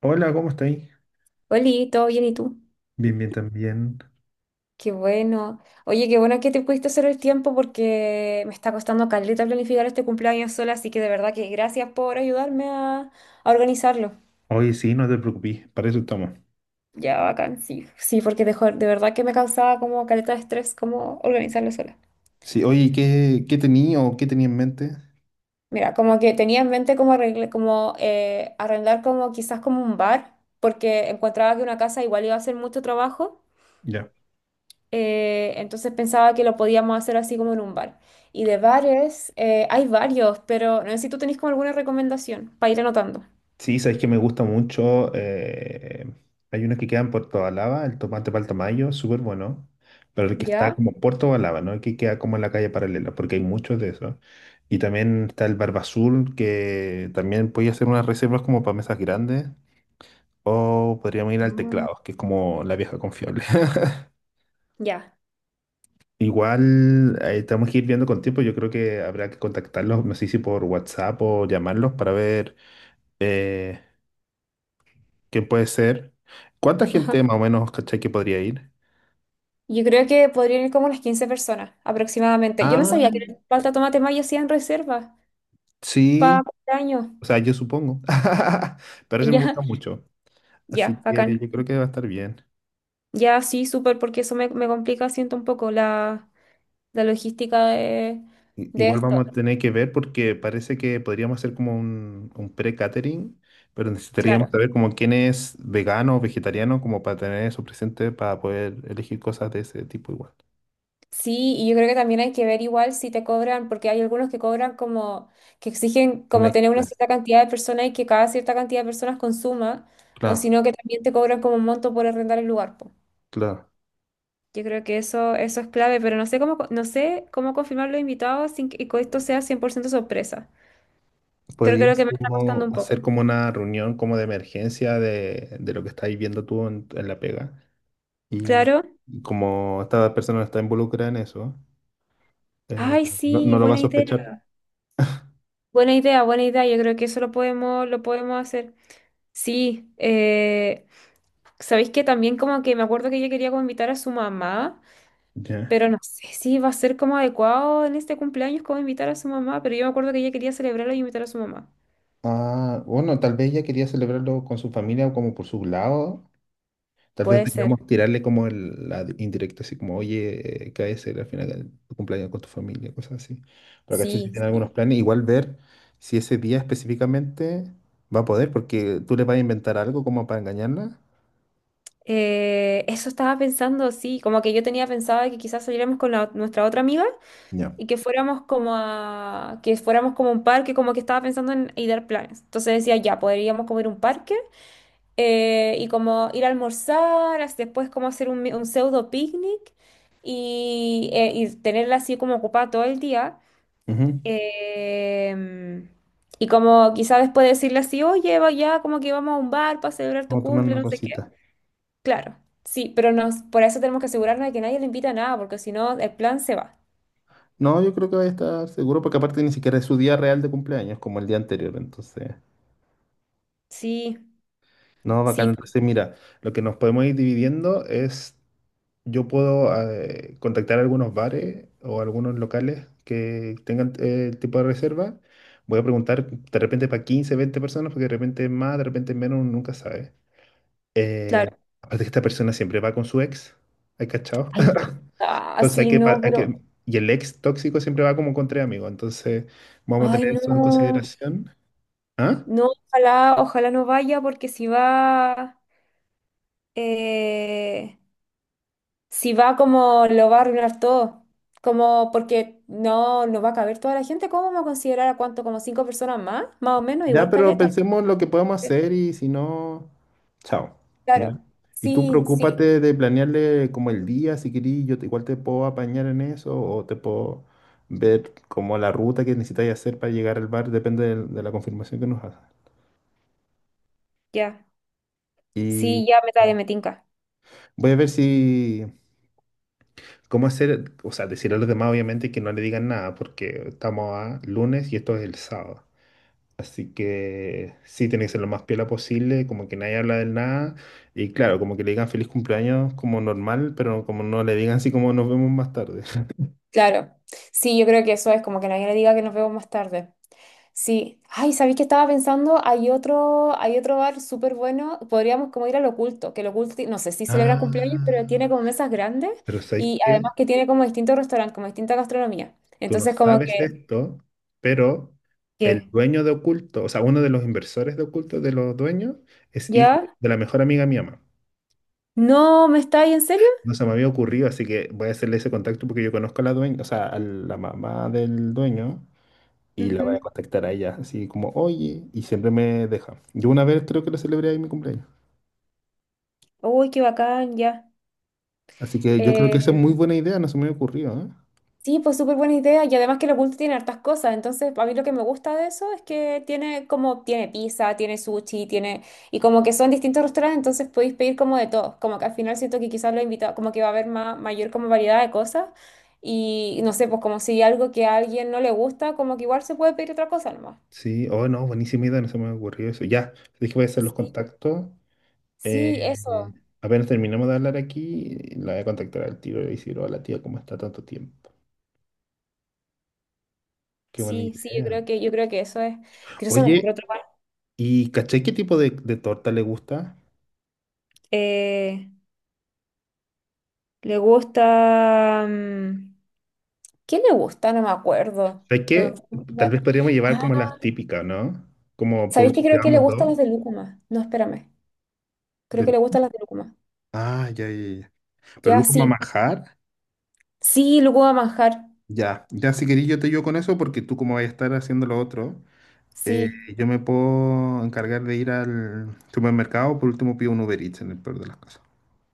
Hola, ¿cómo estáis? Oli, ¿todo bien y tú? Bien, bien también. Qué bueno. Oye, qué bueno que te pudiste hacer el tiempo porque me está costando caleta planificar este cumpleaños sola, así que de verdad que gracias por ayudarme a organizarlo. Oye, sí, no te preocupes, para eso estamos. Ya, bacán, sí. Sí, porque de verdad que me causaba como caleta de estrés como organizarlo sola. Sí, oye, ¿qué tenía o qué tenía en mente? Mira, como que tenía en mente como, como arrendar como quizás como un bar, porque encontraba que una casa igual iba a ser mucho trabajo. Ya. Entonces pensaba que lo podíamos hacer así como en un bar. Y de bares, hay varios, pero no sé si tú tenés como alguna recomendación para ir anotando. Sí, sabéis que me gusta mucho. Hay uno que queda en Puerto Balaba, el tomate Paltamayo, súper bueno. Pero el que está ¿Ya? como en Puerto Balaba, ¿no? El que queda como en la calle paralela, porque hay muchos de esos. Y también está el Barbazul, que también podía hacer unas reservas como para mesas grandes. O podríamos ir al Ah. Teclados, que es como la vieja confiable. Ya. Igual tenemos que ir viendo con tiempo. Yo creo que habrá que contactarlos, no sé si por WhatsApp o llamarlos para ver eh, quién puede ser. ¿Cuánta Ajá. gente más o menos, cachai, que podría ir? Yo creo que podrían ir como unas 15 personas aproximadamente. Yo no Ah, sabía que en el Palta Tomate Mayo hacían reservas para sí. años. O sea, yo supongo. Pero se me Ya, gusta mucho. Así ya, que bacán. yo creo que va a estar bien. Ya, sí, súper, porque eso me complica, siento un poco la logística de, de Igual esto. vamos a tener que ver porque parece que podríamos hacer como un pre-catering, pero necesitaríamos Claro. saber como quién es vegano o vegetariano como para tener eso presente para poder elegir cosas de ese tipo igual. Sí, y yo creo que también hay que ver igual si te cobran, porque hay algunos que cobran como, que exigen Un como tener una extra. cierta cantidad de personas y que cada cierta cantidad de personas consuma, o si Claro, no que también te cobran como un monto por arrendar el lugar, po. claro. Yo creo que eso es clave, pero no sé cómo, no sé cómo confirmar los invitados sin que que esto sea 100% sorpresa. Creo que es lo Podríamos que me está costando como un poco. hacer como una reunión como de emergencia de lo que estás viviendo tú en la pega y, Claro. y como esta persona no está involucrada en eso, eh, Ay, no, sí, no lo va a buena idea. sospechar. Buena idea, buena idea. Yo creo que eso lo podemos hacer. Sí, sabéis que también como que me acuerdo que ella quería como invitar a su mamá, Ya. pero no sé si va a ser como adecuado en este cumpleaños como invitar a su mamá, pero yo me acuerdo que ella quería celebrarlo y invitar a su mamá. Ah, bueno, tal vez ella quería celebrarlo con su familia o como por su lado. Tal vez Puede ser. digamos tirarle como la indirecta, así como, oye, cae ser al final de tu cumpleaños con tu familia, cosas así. Pero caché si Sí, tiene algunos sí. planes, igual ver si ese día específicamente va a poder, porque tú le vas a inventar algo como para engañarla. Eso estaba pensando, sí, como que yo tenía pensado de que quizás saliéramos con nuestra otra amiga Ya. y que fuéramos como a, que fuéramos como a un parque, como que estaba pensando en, y dar planes. Entonces decía, ya, podríamos comer un parque. Y como ir a almorzar, después como hacer un, un pseudo picnic y tenerla así como ocupada todo el día. Ujú. Em, y como quizá después decirle así, oye, va ya, como que vamos a un bar para celebrar tu Vamos a tomar cumple, una no sé qué. cosita. Claro, sí, pero por eso tenemos que asegurarnos de que nadie le invita a nada, porque si no, el plan se va. No, yo creo que va a estar seguro, porque aparte ni siquiera es su día real de cumpleaños, como el día anterior, entonces. Sí, No, bacán. sí, Entonces, mira, lo que nos podemos ir dividiendo es. Yo puedo contactar a algunos bares o algunos locales que tengan el tipo de reserva. Voy a preguntar de repente para 15, 20 personas, porque de repente más, de repente menos, uno nunca sabe. Eh, claro. Aparte que esta persona siempre va con su ex, ¿hay cachado? Ay, verdad, Entonces hay sí, que, no, hay que... pero... Y el ex tóxico siempre va como con tres amigos, entonces vamos a Ay, tener eso en no, consideración. ¿Ah? no, ojalá, ojalá no vaya, porque si va... eh, si va como lo va a arruinar todo, como porque no va a caber toda la gente, ¿cómo vamos a considerar a cuánto? Como 5 personas más, más o menos, Ya, igual pero caleta. pensemos lo que podemos Eh, hacer y si no, chao. ¿Ya? Claro, Y tú sí, sí, preocúpate de planearle como el día, si querís, yo igual te puedo apañar en eso o te puedo ver como la ruta que necesitáis hacer para llegar al bar, depende de la confirmación que nos hagas. ya, Y sí, ya me, dale, me tinca. voy a ver si, cómo hacer, o sea, decirle a los demás obviamente que no le digan nada porque estamos a lunes y esto es el sábado. Así que sí, tiene que ser lo más piola posible, como que nadie habla del nada. Y claro, como que le digan feliz cumpleaños como normal, pero como no le digan así como nos vemos más tarde. Claro, sí, yo creo que eso es como que nadie le diga que nos vemos más tarde. Sí. Ay, ¿sabéis que estaba pensando? Hay otro bar súper bueno. Podríamos como ir al Oculto, que el Oculto, no sé si celebra Ah, cumpleaños, pero tiene como mesas grandes ¿pero sabes y además qué? que tiene como distintos restaurantes, como distinta gastronomía. Tú no Entonces como sabes que, esto, pero el ¿qué? dueño de Oculto, o sea, uno de los inversores de Oculto, de los dueños, es hijo ¿Ya? de la mejor amiga de mi mamá. No, ¿me estáis en serio? No se me había ocurrido, así que voy a hacerle ese contacto porque yo conozco a la dueña, o sea, a la mamá del dueño, y la voy a Ujú. contactar a ella, así como, oye, y siempre me deja. Yo una vez creo que le celebré ahí mi cumpleaños. Uy, qué bacán, ya. Así que yo creo que esa es Eh, muy buena idea, no se me había ocurrido, ¿eh? Sí, pues súper buena idea y además que lo oculto tiene hartas cosas, entonces a mí lo que me gusta de eso es que tiene como, tiene pizza, tiene sushi, tiene, y como que son distintos restaurantes, entonces podéis pedir como de todo, como que al final siento que quizás lo invitado, como que va a haber mayor como variedad de cosas y no sé, pues como si algo que a alguien no le gusta, como que igual se puede pedir otra cosa nomás. Sí, oh no, buenísima idea, no se me había ocurrido eso. Ya, dije voy a hacer los Sí, contactos. eh, sí, eso, Apenas terminamos de hablar aquí, la voy a contactar al tiro y le decir, hola tía, ¿cómo está tanto tiempo? Qué buena sí, sí, yo idea. creo que, yo creo que eso es, creo que no se me ocurre Oye, otro más. ¿y caché qué tipo de torta le gusta? Eh, Le gusta... ¿Qué le gusta? No me acuerdo. Sé que No me puedo tal acordar. vez podríamos llevar Ah, como las típicas, ¿no? Como ¿sabéis que creo que le llevamos gustan dos. las de lúcuma? No, espérame. Creo que de- le gustan las de lúcuma. Ah, ya. Pero Ya, Lucas sí. Mamajar, Sí, lúcuma manjar. Ya si querís yo te ayudo con eso porque tú como vas a estar haciendo lo otro, eh, Sí, yo me puedo encargar de ir al supermercado, por último pido un Uber Eats en el peor de las cosas.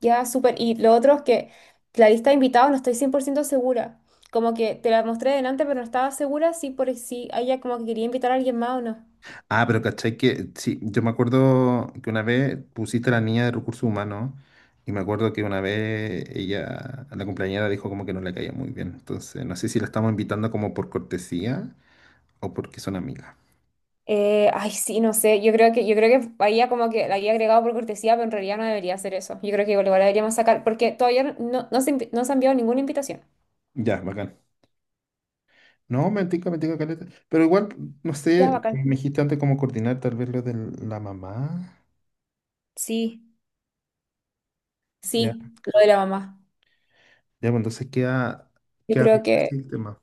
ya, súper. Y lo otro es que la lista de invitados no estoy 100% segura. Como que te la mostré delante, pero no estaba segura si por si ella como que quería invitar a alguien más o no. Ah, pero cachai que, sí, yo me acuerdo que una vez pusiste a la niña de recursos humanos y me acuerdo que una vez ella, la compañera dijo como que no le caía muy bien. Entonces, no sé si la estamos invitando como por cortesía o porque son amigas. Ay, sí, no sé. Yo creo que había como que la había agregado por cortesía, pero en realidad no debería hacer eso. Yo creo que igual igual la deberíamos sacar, porque todavía no no se ha enviado ninguna invitación. Ya, bacán. No, me tinca caleta. Pero igual, no Ya, sé, como bacán. me dijiste antes, cómo coordinar tal vez lo de la mamá. Sí, Ya, sí, lo de la mamá. ya, bueno, entonces queda, Yo queda creo bien que, así el tema.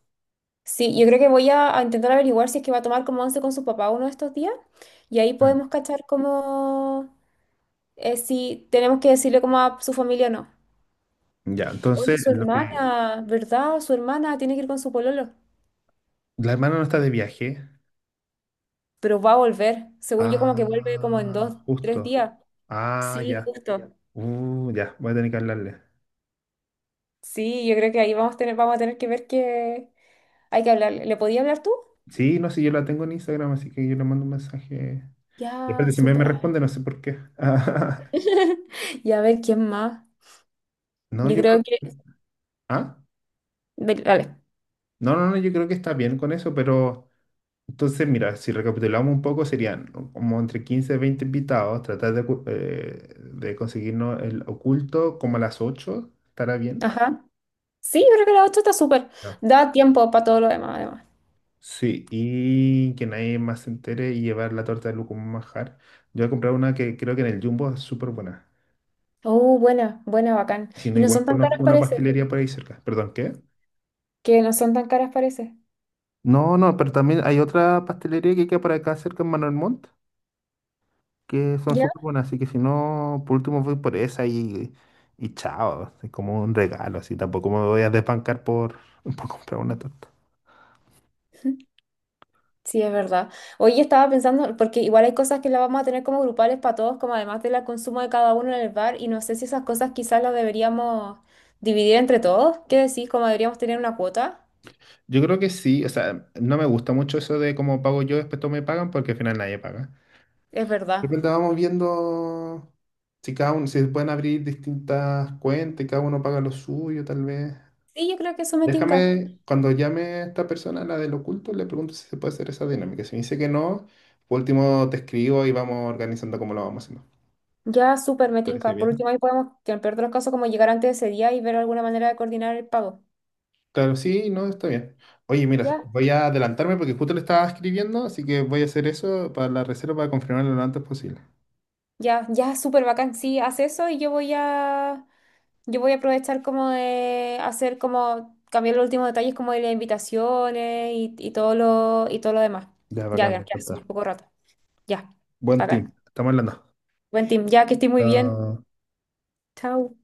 sí, yo creo que voy a intentar averiguar si es que va a tomar como once con su papá uno de estos días y ahí Mm. podemos cachar como si tenemos que decirle como a su familia o no. Ya, Oye, entonces, su lo que... hermana, ¿verdad? Su hermana tiene que ir con su pololo, La hermana no está de viaje. pero va a volver. Según yo, como que vuelve como en Ah, dos, tres justo. días. Ah, Sí, ya. justo. Ya, voy a tener que hablarle. Sí, yo creo que ahí vamos a tener que ver que hay que hablar. ¿Le podía hablar tú? Sí, no sé, yo la tengo en Instagram, así que yo le mando un mensaje. Y Ya, aparte, siempre súper. me responde, no sé por qué. Y a ver quién más. No, Yo yo creo creo que... que... Ah, Dale. no, no, no, yo creo que está bien con eso, pero... Entonces, mira, si recapitulamos un poco, serían como entre 15 y 20 invitados, tratar de, de conseguirnos el oculto como a las ocho. ¿Estará bien? Ajá. Sí, yo creo que la 8 está súper. Ya. Da tiempo para todo lo demás, además. Sí, y que nadie más se entere y llevar la torta de Lu como un manjar. Yo voy a comprar una que creo que en el Jumbo es súper buena. Oh, buena, buena, bacán. Y si no, Y no igual son tan caras, conozco una parece. pastelería por ahí cerca. ¿Perdón, qué? Que no son tan caras, parece. No, no, pero también hay otra pastelería que queda por acá cerca en Manuel Montt, que son ¿Ya? súper buenas, así que si no, por último voy por esa y chao, es como un regalo, así tampoco me voy a desbancar por, por comprar una torta. Sí, es verdad. Hoy estaba pensando, porque igual hay cosas que las vamos a tener como grupales para todos, como además del consumo de cada uno en el bar, y no sé si esas cosas quizás las deberíamos dividir entre todos. ¿Qué decís? ¿Cómo deberíamos tener una cuota? Yo creo que sí, o sea, no me gusta mucho eso de cómo pago yo, después todos me pagan, porque al final nadie paga. Es De verdad. repente vamos viendo si cada uno, si se pueden abrir distintas cuentas y cada uno paga lo suyo, tal vez. Sí, yo creo que eso me tinca. Déjame, cuando llame a esta persona, la del oculto, le pregunto si se puede hacer esa dinámica. Si me dice que no, por último te escribo y vamos organizando cómo lo vamos haciendo. Ya, súper, me Parece tinca. Por bien. último, ahí podemos, que en el peor de los casos, como llegar antes de ese día y ver alguna manera de coordinar el pago. Claro, sí, no, está bien. Oye, mira, Ya, voy a adelantarme porque justo le estaba escribiendo, así que voy a hacer eso para la reserva para confirmarlo lo antes posible. ya, ya, súper bacán. Sí, haz eso y yo voy a aprovechar como de hacer como, cambiar los últimos detalles como de las invitaciones y todo lo demás. Ya, Ya, bacán, me ya, ya, sí, encanta. un poco rato. Ya, Buen bacán. team. Estamos hablando. Buen team, ya que estoy muy bien. Chao. Chao.